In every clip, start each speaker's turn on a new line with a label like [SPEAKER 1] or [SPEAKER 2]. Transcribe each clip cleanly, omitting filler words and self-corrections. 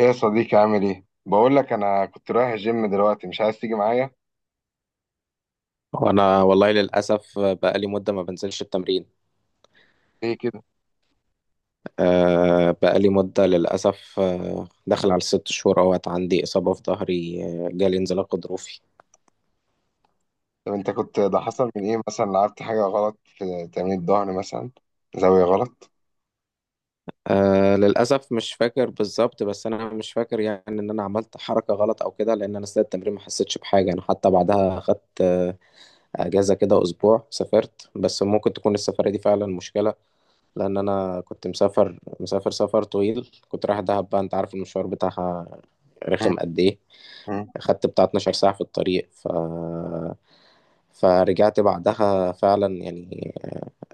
[SPEAKER 1] ايه يا صديقي عامل ايه؟ بقول لك انا كنت رايح الجيم دلوقتي مش عايز تيجي معايا؟
[SPEAKER 2] وانا والله للاسف بقالي مده ما بنزلش التمرين.
[SPEAKER 1] ليه كده؟
[SPEAKER 2] بقالي مده للاسف، داخل على الست شهور اهوت عندي اصابه في ظهري، جالي انزلاق غضروفي.
[SPEAKER 1] طب انت كنت ده حصل من ايه مثلا لعبت حاجة غلط في تمرين الظهر مثلا؟ زاوية غلط؟
[SPEAKER 2] للاسف مش فاكر بالظبط، بس انا مش فاكر يعني ان انا عملت حركه غلط او كده، لان انا اثناء التمرين ما حسيتش بحاجه. انا حتى بعدها اخدت اجازه كده اسبوع، سافرت، بس ممكن تكون السفريه دي فعلا مشكله. لان انا كنت مسافر سفر طويل، كنت رايح دهب، بقى انت عارف المشوار بتاعها
[SPEAKER 1] مم.
[SPEAKER 2] رخم قد ايه.
[SPEAKER 1] مم.
[SPEAKER 2] خدت بتاع 12 ساعة في الطريق، فرجعت بعدها فعلا يعني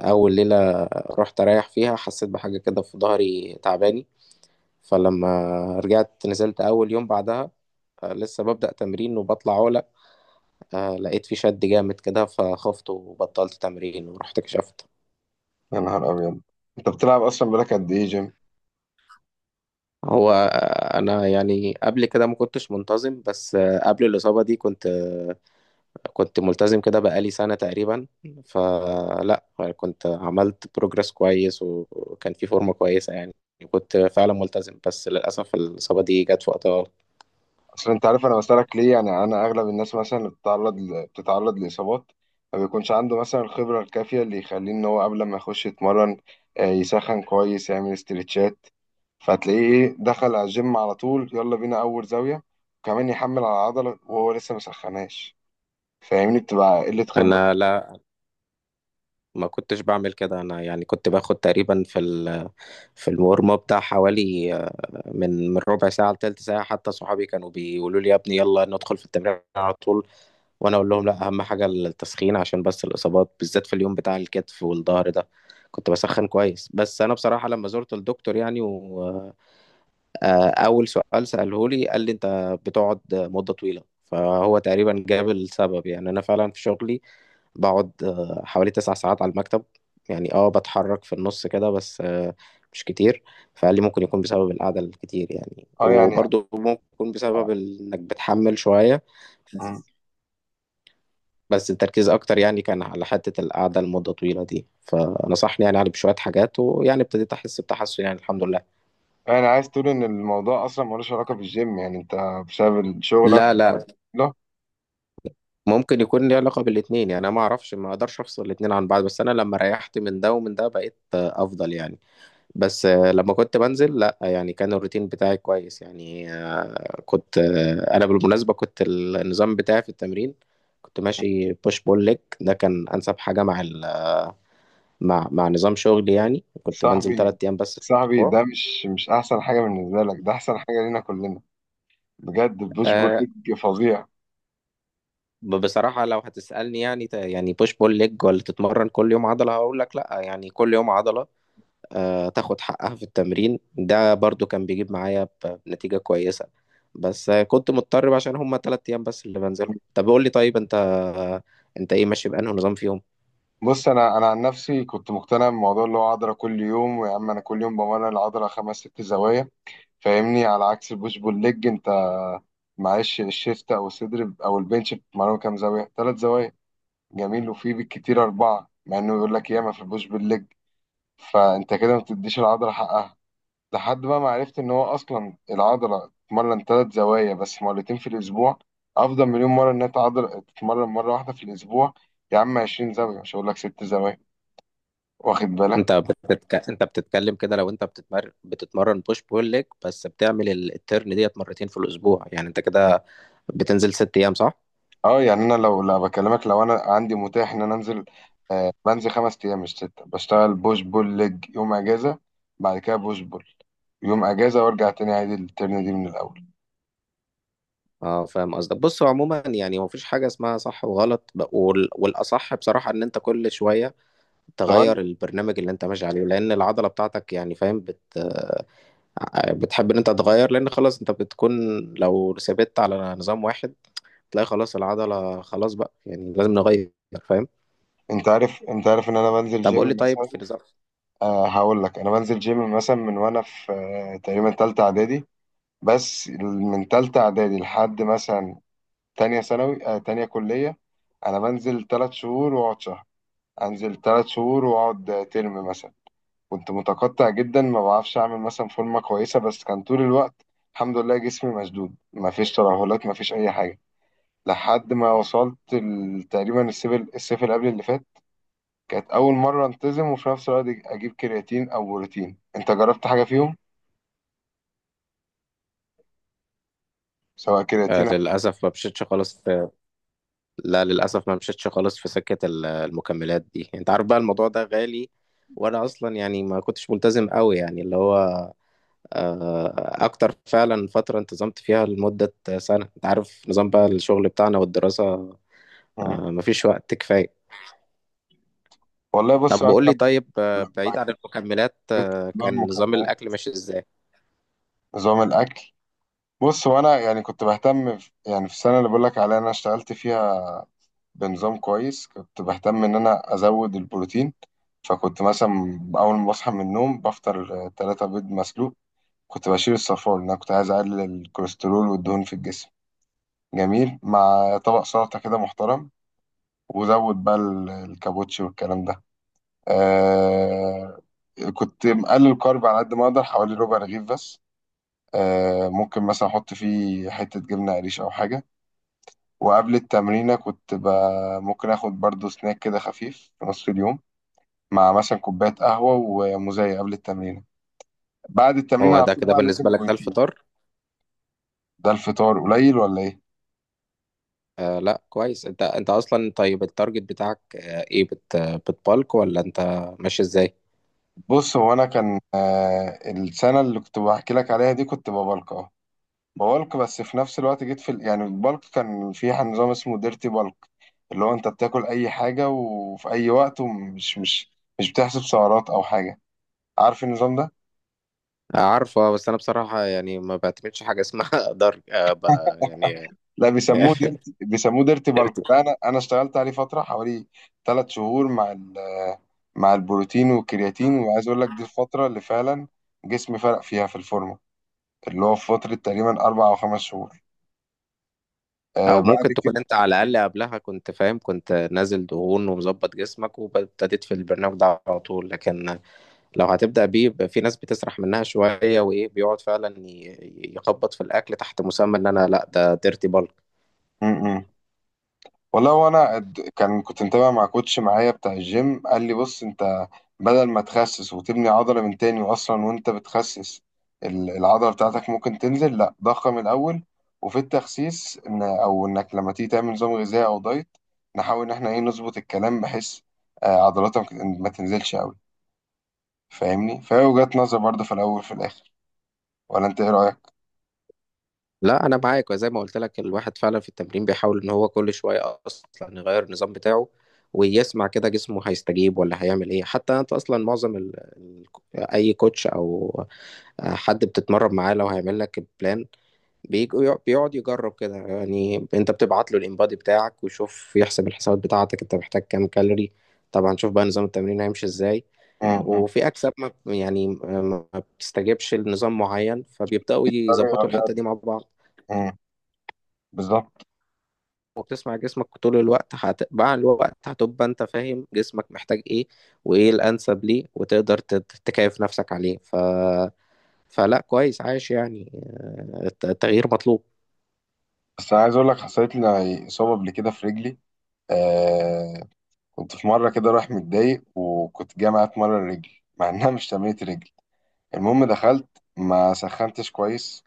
[SPEAKER 2] أول ليلة رحت أريح فيها، حسيت بحاجة كده في ظهري تعباني. فلما رجعت نزلت أول يوم بعدها، لسه ببدأ تمرين وبطلع عولة، لقيت في شد جامد كده، فخفت وبطلت تمرين ورحت كشفت.
[SPEAKER 1] يا نهار ابيض. انت بتلعب اصلا بقالك قد ايه جيم؟
[SPEAKER 2] هو أنا يعني قبل كده ما كنتش منتظم، بس قبل الإصابة دي كنت ملتزم كده بقالي سنة تقريبا. فلا يعني كنت عملت بروجرس كويس، وكان في فورمة كويسة يعني، كنت فعلا ملتزم، بس للأسف الإصابة دي جت في وقتها.
[SPEAKER 1] اصل انت عارف انا بسألك ليه، يعني انا اغلب الناس مثلا اللي بتتعرض لاصابات ما بيكونش عنده مثلا الخبره الكافيه اللي يخليه ان هو قبل ما يخش يتمرن يسخن كويس يعمل استرتشات، فتلاقيه ايه دخل على الجيم على طول يلا بينا اول زاويه وكمان يحمل على العضله وهو لسه ما سخناش. فاهمني؟ بتبقى قله خبره.
[SPEAKER 2] أنا لا، ما كنتش بعمل كده. أنا يعني كنت باخد تقريبا في المورمة بتاع حوالي من ربع ساعة لتلت ساعة. حتى صحابي كانوا بيقولوا لي يا ابني يلا ندخل في التمرين على طول، وانا اقول لهم لا، اهم حاجه التسخين، عشان بس الاصابات بالذات في اليوم بتاع الكتف والظهر ده كنت بسخن كويس. بس انا بصراحه لما زرت الدكتور يعني واول سؤال ساله لي قال لي انت بتقعد مده طويله، فهو تقريبا جاب السبب. يعني انا فعلا في شغلي بقعد حوالي 9 ساعات على المكتب. يعني اه بتحرك في النص كده، بس مش كتير. فقال لي ممكن يكون بسبب القعدة الكتير يعني،
[SPEAKER 1] اه يعني.
[SPEAKER 2] وبرضه ممكن يكون بسبب انك بتحمل شوية،
[SPEAKER 1] مم.
[SPEAKER 2] بس التركيز اكتر يعني كان على حتة القعدة لمدة طويلة دي. فنصحني يعني علي بشوية حاجات، ويعني ابتديت احس بتحسن يعني الحمد لله.
[SPEAKER 1] يعني عايز تقول ان الموضوع اصلا ملوش علاقه بالجيم، يعني انت بسبب شغلك؟
[SPEAKER 2] لا لا، ممكن يكون ليه علاقة بالاتنين. يعني انا ما اعرفش، ما اقدرش افصل الاتنين عن بعض، بس انا لما ريحت من ده ومن ده بقيت افضل يعني. بس لما كنت بنزل لا يعني كان الروتين بتاعي كويس يعني، آه، كنت آه، انا بالمناسبة كنت النظام بتاعي في التمرين، كنت ماشي بوش بول ليج. ده كان انسب حاجة مع ال... مع مع نظام شغلي. يعني كنت بنزل
[SPEAKER 1] صاحبي،
[SPEAKER 2] 3 ايام بس في
[SPEAKER 1] صاحبي
[SPEAKER 2] الاسبوع.
[SPEAKER 1] ده مش احسن حاجه بالنسبه لك، ده احسن حاجه لينا كلنا بجد. البوش بول
[SPEAKER 2] آه،
[SPEAKER 1] ليج فظيع.
[SPEAKER 2] بصراحة لو هتسألني يعني يعني بوش بول ليج ولا تتمرن كل يوم عضلة، هقول لك لا. يعني كل يوم عضلة تاخد حقها في التمرين، ده برضو كان بيجيب معايا بنتيجة كويسة. بس كنت مضطر بقى عشان هما 3 أيام بس اللي بنزلهم. طب قول لي طيب، أنت إيه ماشي بأنه نظام فيهم؟
[SPEAKER 1] بص انا عن نفسي كنت مقتنع بموضوع اللي هو عضله كل يوم. ويا عم انا كل يوم بمرن العضله خمس ست زوايا. فاهمني؟ على عكس البوش بول ليج، انت معلش الشيست او الصدر او البنش بتمرنه كام زاويه؟ ثلاث زوايا، جميل، وفي بالكتير اربعه، مع انه يقول لك ياما في البوش بول ليج. فانت كده ما بتديش العضله حقها. لحد بقى ما عرفت ان هو اصلا العضله تتمرن ثلاث زوايا بس مرتين في الاسبوع، افضل مليون مره انها عضله تتمرن مره واحده في الاسبوع. يا عم 20 زاويه مش هقول لك ست زوايا. واخد بالك؟
[SPEAKER 2] أنت بتتكلم كده، لو أنت بتتمرن بوش بول ليج بس بتعمل الترن ديت 2 مرة في الأسبوع، يعني أنت كده بتنزل 6 أيام صح؟
[SPEAKER 1] اه يعني، انا لو لا بكلمك لو انا عندي متاح ان انا انزل، بنزل خمس ايام مش سته. بشتغل بوش بول ليج، يوم اجازه، بعد كده بوش بول، يوم اجازه، وارجع تاني عادي الترن دي من الاول.
[SPEAKER 2] اه، فاهم قصدك. بص هو عموما يعني مفيش حاجة اسمها صح وغلط، والأصح بصراحة إن أنت كل شوية تغير
[SPEAKER 1] تغير.
[SPEAKER 2] البرنامج اللي أنت ماشي عليه، لأن العضلة بتاعتك يعني فاهم، بت آه، بتحب إن أنت تغير، لأن خلاص أنت بتكون، لو ثبت على نظام واحد تلاقي خلاص العضلة خلاص بقى، يعني لازم نغير، فاهم.
[SPEAKER 1] انت عارف، انت عارف ان انا بنزل
[SPEAKER 2] طب قول لي
[SPEAKER 1] جيم
[SPEAKER 2] طيب
[SPEAKER 1] مثلا؟
[SPEAKER 2] في نظام.
[SPEAKER 1] هقول لك، انا بنزل جيم مثلا من وانا في تقريبا تالتة اعدادي. بس من تالتة اعدادي لحد مثلا تانية ثانوي، تانية كلية، انا بنزل تلات شهور واقعد شهر، انزل تلات شهور واقعد ترم مثلا. كنت متقطع جدا، ما بعرفش اعمل مثلا فورمة كويسة، بس كان طول الوقت الحمد لله جسمي مشدود، ما فيش ترهلات ما فيش اي حاجة. لحد ما وصلت تقريبا الصيف، الصيف اللي قبل اللي فات، كانت أول مرة أنتظم، وفي نفس الوقت أجيب كرياتين أو بروتين. أنت جربت حاجة فيهم؟ سواء كرياتين أو.
[SPEAKER 2] للأسف ما مشيتش خالص لا، للأسف ما مشيتش خالص في سكة المكملات دي. أنت عارف بقى الموضوع ده غالي، وأنا أصلا يعني ما كنتش ملتزم قوي يعني، اللي هو اكتر فعلا فترة انتظمت فيها لمدة سنة. انت عارف نظام بقى الشغل بتاعنا والدراسة،
[SPEAKER 1] مم.
[SPEAKER 2] مفيش وقت كفاية.
[SPEAKER 1] والله بص
[SPEAKER 2] طب
[SPEAKER 1] أنا
[SPEAKER 2] قول لي
[SPEAKER 1] لما
[SPEAKER 2] طيب، بعيد عن
[SPEAKER 1] لما
[SPEAKER 2] المكملات،
[SPEAKER 1] جبت نظام
[SPEAKER 2] كان نظام
[SPEAKER 1] المكملات،
[SPEAKER 2] الاكل ماشي ازاي؟
[SPEAKER 1] نظام الأكل، بص، وأنا يعني كنت بهتم يعني في السنة اللي بقول لك عليها أنا اشتغلت فيها بنظام كويس، كنت بهتم إن أنا أزود البروتين. فكنت مثلا أول ما بصحى من النوم بفطر تلاتة بيض مسلوق، كنت بشيل الصفار لأن أنا كنت عايز أقلل الكوليسترول والدهون في الجسم، جميل، مع طبق سلطة كده محترم، وزود بقى الكابوتشي والكلام ده. آه كنت مقلل الكارب على قد ما اقدر، حوالي ربع رغيف بس، ممكن مثلا احط فيه حتة جبنة قريش او حاجة. وقبل التمرينة كنت ممكن اخد برضو سناك كده خفيف في نص اليوم، مع مثلا كوباية قهوة ومزايا قبل التمرينة. بعد التمرينة
[SPEAKER 2] هو
[SPEAKER 1] على
[SPEAKER 2] ده
[SPEAKER 1] طول
[SPEAKER 2] كده
[SPEAKER 1] بقى لازم
[SPEAKER 2] بالنسبة لك ده
[SPEAKER 1] بروتين.
[SPEAKER 2] الفطار؟
[SPEAKER 1] ده الفطار قليل ولا ايه؟
[SPEAKER 2] لا كويس. انت اصلا طيب، التارجت بتاعك ايه، بتبالك ولا انت ماشي ازاي؟
[SPEAKER 1] بص هو انا كان، السنة اللي كنت بحكي لك عليها دي كنت ببلك، اه، بولك، بس في نفس الوقت جيت يعني البلك كان في نظام اسمه ديرتي بلك، اللي هو انت بتاكل اي حاجه وفي اي وقت، ومش مش مش بتحسب سعرات او حاجه. عارف النظام ده؟
[SPEAKER 2] عارفة. بس انا بصراحة يعني ما بعتمدش حاجة اسمها درج يعني
[SPEAKER 1] لا، بيسموه ديرتي، بيسموه ديرتي بلك ده. انا اشتغلت عليه فتره حوالي ثلاث شهور مع البروتين والكرياتين. وعايز اقول لك دي الفتره اللي فعلا جسمي فرق فيها في الفورمه، اللي هو في فتره تقريبا اربع او خمس شهور.
[SPEAKER 2] او
[SPEAKER 1] بعد
[SPEAKER 2] ممكن
[SPEAKER 1] كده.
[SPEAKER 2] تكون انت على الاقل قبلها كنت فاهم، كنت نازل دهون ومظبط جسمك، وابتديت في البرنامج ده على طول، لكن لو هتبدا بيه يبقى في ناس بتسرح منها شويه وايه، بيقعد فعلا يخبط في الاكل تحت مسمى ان انا لا ده ديرتي بالك.
[SPEAKER 1] م -م. والله وانا كنت متابع مع كوتش معايا بتاع الجيم، قال لي بص انت، بدل ما تخسس وتبني عضلة من تاني، واصلا وانت بتخسس العضلة بتاعتك ممكن تنزل، لا ضخم الاول، وفي التخسيس ان او انك لما تيجي تعمل نظام غذائي او دايت نحاول ان احنا ايه نظبط الكلام بحيث عضلاتك ما تنزلش قوي. فاهمني؟ فهي وجهة نظر برضه، في الاول في الاخر. ولا انت ايه رأيك؟
[SPEAKER 2] لا، انا معاك، وزي ما قلت لك الواحد فعلا في التمرين بيحاول ان هو كل شويه اصلا يغير النظام بتاعه ويسمع كده جسمه هيستجيب ولا هيعمل ايه. حتى انت اصلا معظم اي كوتش او حد بتتمرن معاه لو هيعمل لك بلان بيك- بيقعد يجرب كده، يعني انت بتبعت له الانبادي بتاعك ويشوف، يحسب الحسابات بتاعتك، انت محتاج كام كالوري، طبعا شوف بقى نظام التمرين هيمشي ازاي.
[SPEAKER 1] امم
[SPEAKER 2] وفي اجسام ما بتستجيبش لنظام معين، فبيبداوا يظبطوا الحته دي مع بعض.
[SPEAKER 1] بالظبط.
[SPEAKER 2] وبتسمع جسمك طول الوقت، مع الوقت هتبقى انت فاهم جسمك محتاج ايه، وايه الانسب ليه، وتقدر تكيف نفسك عليه. فلا كويس عايش يعني التغيير مطلوب.
[SPEAKER 1] بس انا عايز اقول لك حصلت لي اصابة قبل كده في رجلي، آه، كنت في مرة كده رايح متضايق وكنت جاي معايا اتمرن رجل مع انها مش تمرينة رجل. المهم دخلت، ما سخنتش كويس،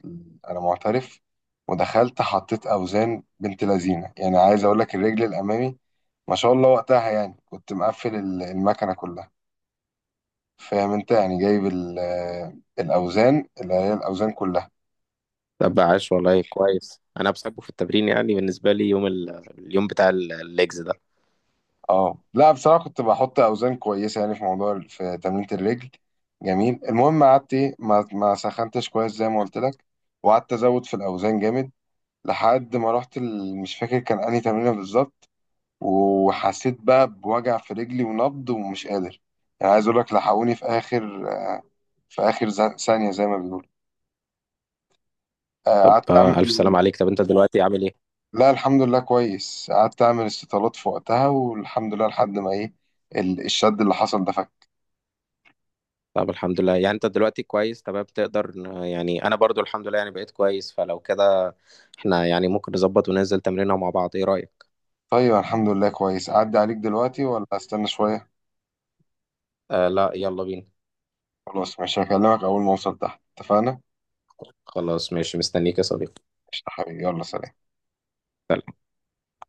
[SPEAKER 1] انا معترف، ودخلت حطيت اوزان بنت لذينه، يعني عايز اقول لك الرجل الامامي ما شاء الله وقتها، يعني كنت مقفل المكنة كلها. فاهم انت؟ يعني جايب الاوزان، اللي هي الاوزان كلها.
[SPEAKER 2] طب عاش والله كويس. انا بحبه في التمرين، يعني بالنسبه لي يوم اليوم بتاع الليجز ده.
[SPEAKER 1] اه لا بصراحة كنت بحط أوزان كويسة يعني في موضوع، في تمرينة الرجل. جميل، المهم قعدت إيه، ما سخنتش كويس زي ما قلت لك، وقعدت أزود في الأوزان جامد، لحد ما رحت مش فاكر كان أنهي تمرينة بالظبط، وحسيت بقى بوجع في رجلي ونبض ومش قادر. يعني عايز أقول لك لحقوني في آخر في آخر ثانية زي ما بيقولوا.
[SPEAKER 2] طب
[SPEAKER 1] قعدت
[SPEAKER 2] الف سلام
[SPEAKER 1] أعمل،
[SPEAKER 2] عليك. طب انت دلوقتي عامل ايه؟
[SPEAKER 1] لا الحمد لله كويس، قعدت أعمل استطالات في وقتها والحمد لله لحد ما إيه، الشد اللي حصل ده.
[SPEAKER 2] طب الحمد لله. يعني انت دلوقتي كويس تمام تقدر، يعني انا برضو الحمد لله يعني بقيت كويس، فلو كده احنا يعني ممكن نظبط وننزل تمرينها مع بعض، ايه رايك؟
[SPEAKER 1] ايوه الحمد لله كويس. اعدي عليك دلوقتي ولا استنى شويه؟
[SPEAKER 2] لا، يلا بينا.
[SPEAKER 1] خلاص ماشي، هكلمك اول ما اوصل تحت. اتفقنا؟
[SPEAKER 2] خلاص ماشي، مستنيك يا صديقي.
[SPEAKER 1] قشطة حبيبي، يلا سلام.